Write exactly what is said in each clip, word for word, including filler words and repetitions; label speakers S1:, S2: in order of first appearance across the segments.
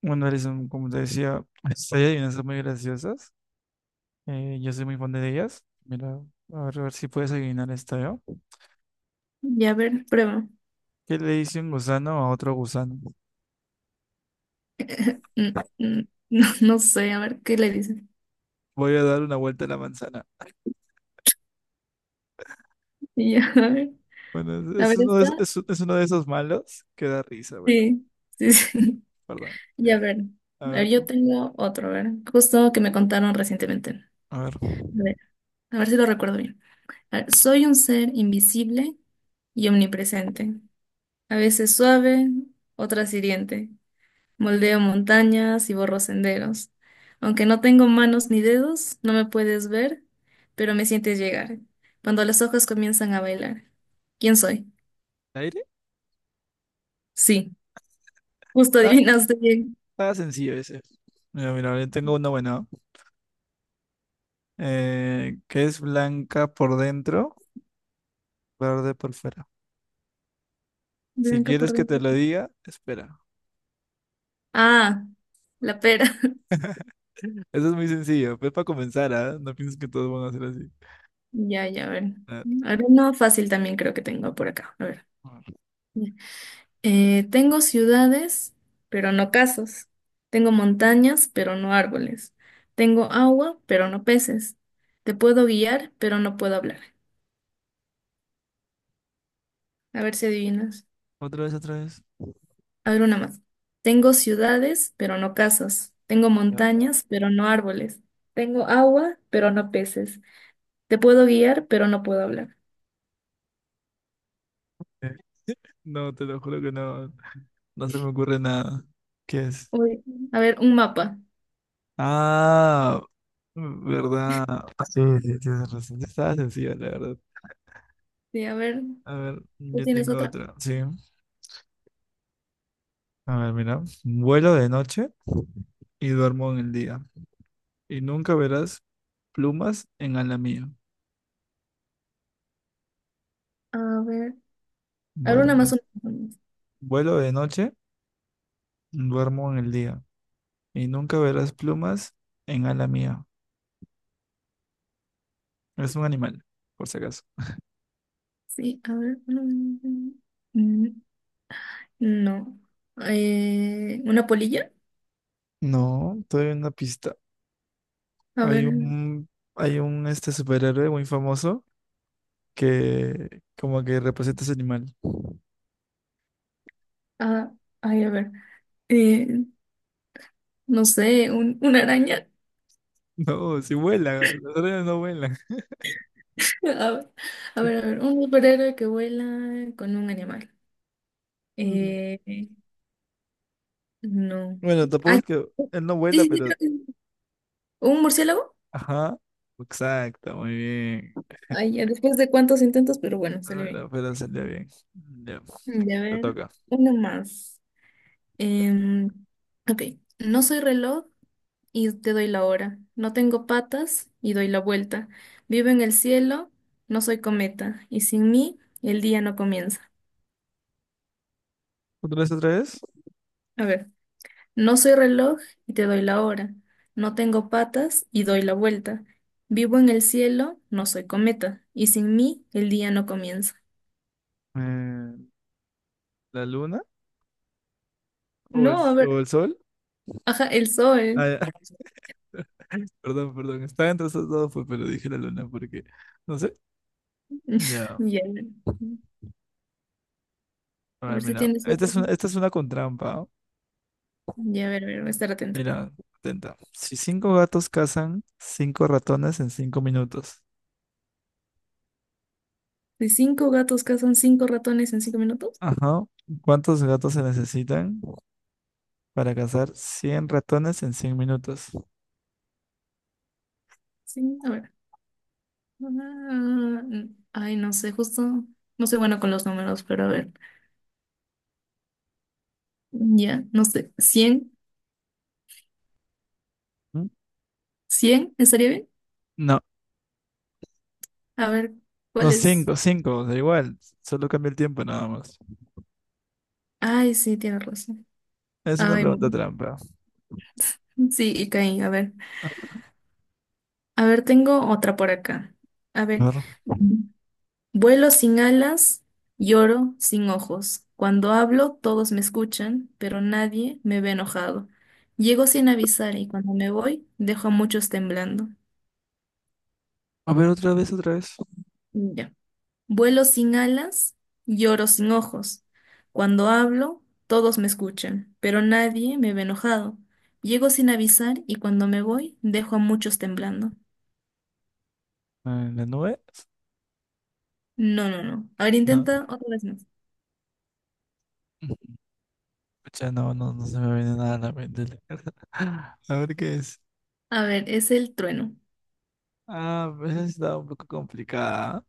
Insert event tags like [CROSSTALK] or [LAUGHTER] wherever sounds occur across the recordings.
S1: Bueno, Alison, como te decía, [LAUGHS] pues, hay adivinanzas muy graciosas. Eh, yo soy muy fan de ellas. Mira, a ver, a ver si puedes adivinar esta, ¿yo?
S2: Ya, a ver, prueba.
S1: ¿Qué le dice un gusano a otro gusano?
S2: [LAUGHS] Mm, mm, No, no sé, a ver qué le dicen.
S1: Voy a dar una vuelta a la manzana.
S2: Ya, [LAUGHS] a ver,
S1: Bueno,
S2: a
S1: es es
S2: ver,
S1: uno de,
S2: está.
S1: es, es- uno de esos malos que da risa. Bueno,
S2: Sí, sí,
S1: disculpa,
S2: sí. [LAUGHS]
S1: perdón.
S2: Ya,
S1: Ya,
S2: a ver.
S1: a
S2: A
S1: ver
S2: ver, yo
S1: tú.
S2: tengo otro, a ver. Justo que me contaron recientemente. A
S1: A ver.
S2: ver, a ver si lo recuerdo bien. A ver, soy un ser invisible y omnipresente. A veces suave, otras hiriente. Moldeo montañas y borro senderos. Aunque no tengo manos ni dedos, no me puedes ver, pero me sientes llegar. Cuando las hojas comienzan a bailar. ¿Quién soy?
S1: ¿Aire?
S2: Sí, justo
S1: Está,
S2: adivinaste bien.
S1: está sencillo ese. Mira, mira, yo tengo uno bueno. Eh, que es blanca por dentro, verde por fuera. Si
S2: Blanca por
S1: quieres que te
S2: dentro.
S1: lo diga, espera.
S2: Ah, la pera. [LAUGHS]
S1: Eso es muy sencillo. Pues para comenzar, ¿ah? No pienses que todos van a ser así.
S2: Ya, ya, a ver.
S1: Ah.
S2: A ver, no, fácil también creo que tengo por acá. A ver. Eh, tengo ciudades, pero no casas. Tengo montañas, pero no árboles. Tengo agua, pero no peces. Te puedo guiar, pero no puedo hablar. A ver si adivinas.
S1: Otra vez, otra vez.
S2: A ver una más. Tengo ciudades, pero no casas. Tengo
S1: Ya.
S2: montañas, pero no árboles. Tengo agua, pero no peces. Te puedo guiar, pero no puedo hablar.
S1: Eh, No, te lo juro que no. No se me ocurre nada. ¿Qué es?
S2: Uy, a ver, un mapa.
S1: Ah, ¿verdad? Ah, sí, sí, tienes razón. Estaba sencilla, la verdad.
S2: Sí, a ver.
S1: A ver,
S2: ¿Tú
S1: yo
S2: tienes
S1: tengo
S2: otra?
S1: otra. Sí. A ver, mira. Vuelo de noche y duermo en el día. Y nunca verás plumas en ala mía.
S2: A ver. A ver
S1: Vuelo
S2: una
S1: de,
S2: más, una más.
S1: vuelo de noche, duermo en el día. Y nunca verás plumas en ala mía. Es un animal, por si acaso.
S2: Sí, a ver. No. Eh, ¿una polilla?
S1: No, todavía hay una pista.
S2: A
S1: Hay
S2: ver.
S1: un, hay un este superhéroe muy famoso que como que representa ese animal. [LAUGHS]
S2: Ah, ay, a ver. Eh, no sé, un, una araña.
S1: No, si vuela, los órdenes no vuelan.
S2: [LAUGHS] A ver, a ver, a ver. Un superhéroe que vuela con un animal.
S1: Mm.
S2: Eh, no.
S1: Bueno, tampoco
S2: Ay,
S1: es que él no
S2: sí,
S1: vuela,
S2: sí, sí,
S1: pero
S2: creo que sí. ¿Un murciélago?
S1: ajá, exacto, muy bien.
S2: Ay, ya después de cuántos intentos, pero bueno, salió
S1: Bueno,
S2: bien.
S1: pero salió bien. Ya,
S2: Mm, Y a
S1: te
S2: ver,
S1: toca.
S2: uno más. Em, OK. No soy reloj, y te doy la hora. No tengo patas y doy la vuelta. Vivo en el cielo, no soy cometa, y sin mí el día no comienza.
S1: ¿Otra vez, otra vez?
S2: A ver, no soy reloj y te doy la hora. No tengo patas y doy la vuelta. Vivo en el cielo, no soy cometa, y sin mí el día no comienza.
S1: Eh, ¿La luna o el,
S2: No, a
S1: o
S2: ver,
S1: el sol?
S2: ajá, el
S1: Ah,
S2: sol.
S1: ya. [LAUGHS] Perdón, perdón, estaba entre esos dos, pues, pero dije la luna porque, no sé.
S2: [LAUGHS]
S1: Ya,
S2: Ya.
S1: a
S2: A
S1: ver,
S2: ver si
S1: mira.
S2: tienes
S1: Esta
S2: otra.
S1: es una, esta es una con trampa. ¿Ah?
S2: Ya, a ver, a ver, voy a estar atento.
S1: Mira, atenta. Si cinco gatos cazan cinco ratones en cinco minutos.
S2: Si cinco gatos cazan cinco ratones en cinco minutos.
S1: Ajá. ¿Cuántos gatos se necesitan para cazar cien ratones en cien minutos?
S2: Sí, a ver. Ah, ay, no sé, justo, no soy bueno con los números, pero a ver, ya, no sé, cien
S1: ¿Mm?
S2: cien estaría bien?
S1: No,
S2: A ver,
S1: no,
S2: ¿cuál es?
S1: cinco, cinco, da igual. Solo cambia el tiempo nada más.
S2: Ay, sí, tienes razón.
S1: Es una
S2: Ay,
S1: pregunta
S2: bueno.
S1: trampa.
S2: Sí, y caí, a ver. A ver, tengo otra por acá. A ver,
S1: A ver,
S2: vuelo sin alas, lloro sin ojos. Cuando hablo, todos me escuchan, pero nadie me ve enojado. Llego sin avisar y cuando me voy, dejo a muchos temblando.
S1: a ver, otra vez, otra vez.
S2: Ya. Vuelo sin alas, lloro sin ojos. Cuando hablo, todos me escuchan, pero nadie me ve enojado. Llego sin avisar y cuando me voy, dejo a muchos temblando.
S1: ¿En la nube?
S2: No, no, no. A ver,
S1: No.
S2: intenta otra vez más.
S1: Pucha, no, no, no se me viene nada a la mente. [LAUGHS] A ver qué es.
S2: A ver, es el trueno.
S1: Ah, pues esa está un poco complicada. ¿Ah?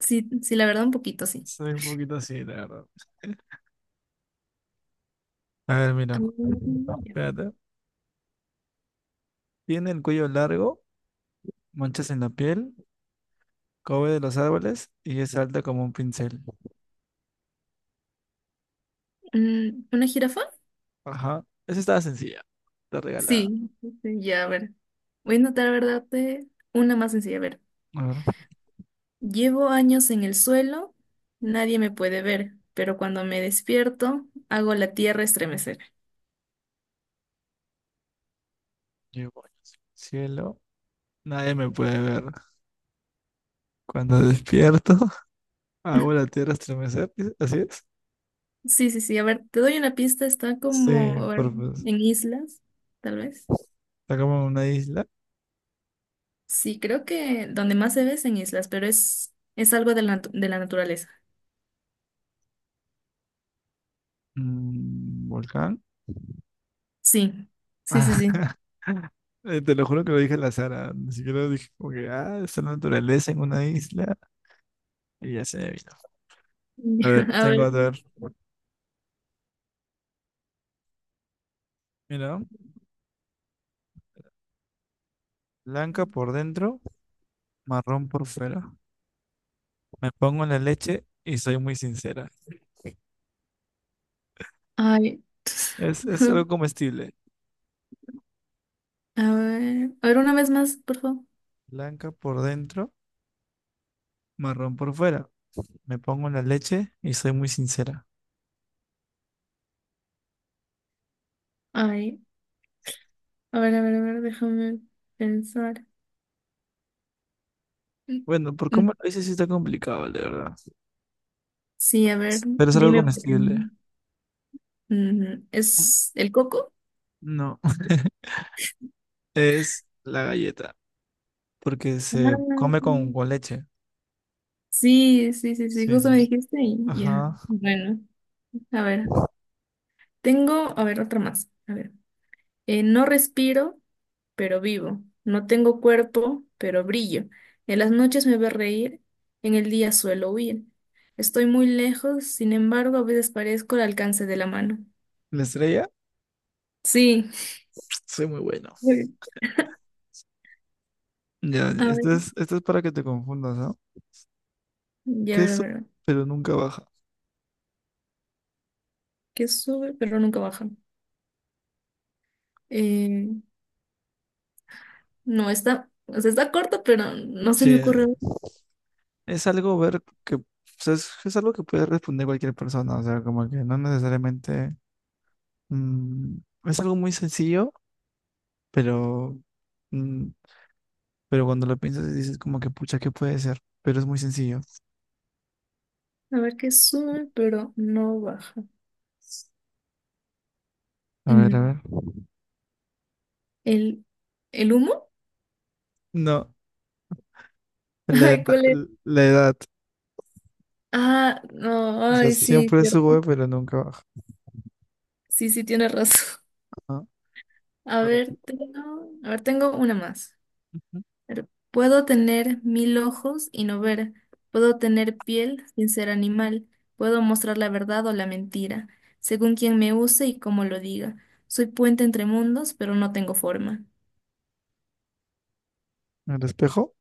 S2: Sí, sí, la verdad, un poquito, sí.
S1: Soy un poquito así, la verdad. A ver,
S2: Ah,
S1: mira.
S2: ya.
S1: Espérate. Tiene el cuello largo, manchas en la piel, cobre de los árboles y es alta como un pincel.
S2: Mm, ¿Una jirafa?
S1: Ajá. Esa estaba sencilla, está regalada.
S2: Sí. Sí, ya, a ver. Voy a intentar, ¿verdad? eh, Una más sencilla, a ver.
S1: A ver,
S2: Llevo años en el suelo, nadie me puede ver, pero cuando me despierto, hago la tierra estremecer.
S1: yo voy hacia el cielo. Nadie me puede ver. Cuando despierto, [LAUGHS] hago la tierra estremecer. ¿Sí? ¿Así es?
S2: Sí, sí, sí, a ver, te doy una pista, está
S1: Sí,
S2: como, a ver,
S1: por- pues,
S2: en islas, tal vez.
S1: está como en una isla,
S2: Sí, creo que donde más se ve es en islas, pero es, es algo de la, natu- de la naturaleza.
S1: un volcán.
S2: Sí, sí, sí,
S1: Ah.
S2: sí.
S1: [LAUGHS] Eh, Te lo juro que lo dije al azar, ah, ni siquiera lo dije como que, ah, está la naturaleza en una isla y ya se me vino. A ver,
S2: [LAUGHS] A ver,
S1: tengo a ver. Mira, blanca por dentro, marrón por fuera. Me pongo en la leche y soy muy sincera.
S2: ay,
S1: Es, es algo
S2: [LAUGHS]
S1: comestible.
S2: a ver, a ver, una vez más, por favor.
S1: Blanca por dentro, marrón por fuera. Me pongo en la leche y soy muy sincera.
S2: Ay, a ver, a ver, a ver, déjame pensar.
S1: Bueno, por cómo lo dices sí está complicado, de verdad.
S2: Sí, a ver,
S1: Pero es algo
S2: dime por qué
S1: comestible.
S2: no. Ujú, ¿es el coco?
S1: No, [LAUGHS] es la galleta, porque se come
S2: Ah,
S1: con, con leche.
S2: sí, sí, sí, sí,
S1: Sí, sí.
S2: justo me dijiste y ya.
S1: Ajá.
S2: Bueno, a ver, tengo, a ver, otra más. A ver, Eh, no respiro, pero vivo. No tengo cuerpo, pero brillo. En las noches me ve reír, en el día suelo huir. Estoy muy lejos, sin embargo, a veces parezco al alcance de la mano.
S1: La estrella,
S2: Sí.
S1: soy muy bueno.
S2: [LAUGHS]
S1: Ya,
S2: A ver,
S1: esto es, esto es, para que te confundas, ¿no?
S2: ya a
S1: Que
S2: ver, a
S1: sube,
S2: ver.
S1: pero nunca baja.
S2: Que sube, pero nunca baja. Eh, No está, o sea, está corto, pero no se
S1: Sí,
S2: me ocurre.
S1: es algo ver que, o sea, es, es algo que puede responder cualquier persona, o sea, como que no necesariamente, mm, es algo muy sencillo, pero, mm, pero cuando lo piensas dices como que, pucha, ¿qué puede ser? Pero es muy sencillo.
S2: A ver qué sube, pero no baja.
S1: A ver, a ver.
S2: Mm, ¿El, el humo?
S1: No, la
S2: [LAUGHS]
S1: edad,
S2: Ay, ¿cuál es?
S1: la edad.
S2: Ah, no,
S1: O sea,
S2: ay, sí,
S1: siempre sube,
S2: cierto.
S1: pero nunca baja.
S2: Sí, sí, tienes razón.
S1: ¿No?
S2: [LAUGHS] A ver, tengo, a ver, tengo una más. A ver, puedo tener mil ojos y no ver. Puedo tener piel sin ser animal. Puedo mostrar la verdad o la mentira, según quien me use y cómo lo diga. Soy puente entre mundos, pero no tengo forma.
S1: ¿El espejo?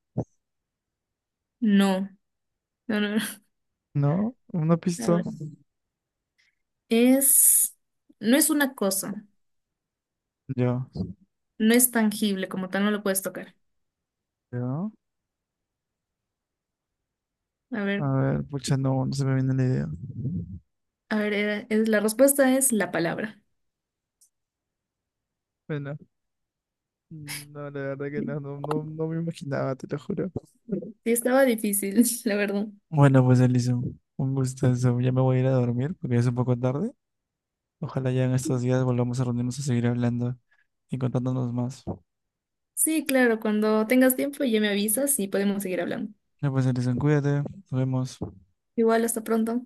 S2: No. No, no, no.
S1: No, una
S2: A
S1: pista.
S2: ver. Es, no es una cosa,
S1: Yo,
S2: no es tangible, como tal, no lo puedes tocar.
S1: yo.
S2: A ver,
S1: A ver, pucha, no, no se me viene la idea.
S2: a ver, era- es- la respuesta es la palabra.
S1: Bueno, no, la verdad que
S2: Sí,
S1: no, no, no, no me imaginaba, te lo juro.
S2: estaba difícil, [LAUGHS] la verdad.
S1: Bueno, pues Elison, un gustazo. Ya me voy a ir a dormir porque ya es un poco tarde. Ojalá ya en estos días volvamos a reunirnos a seguir hablando y contándonos más.
S2: Sí, claro, cuando tengas tiempo ya me avisas y podemos seguir hablando.
S1: Ya pues Elison, cuídate, nos vemos.
S2: Igual, hasta pronto.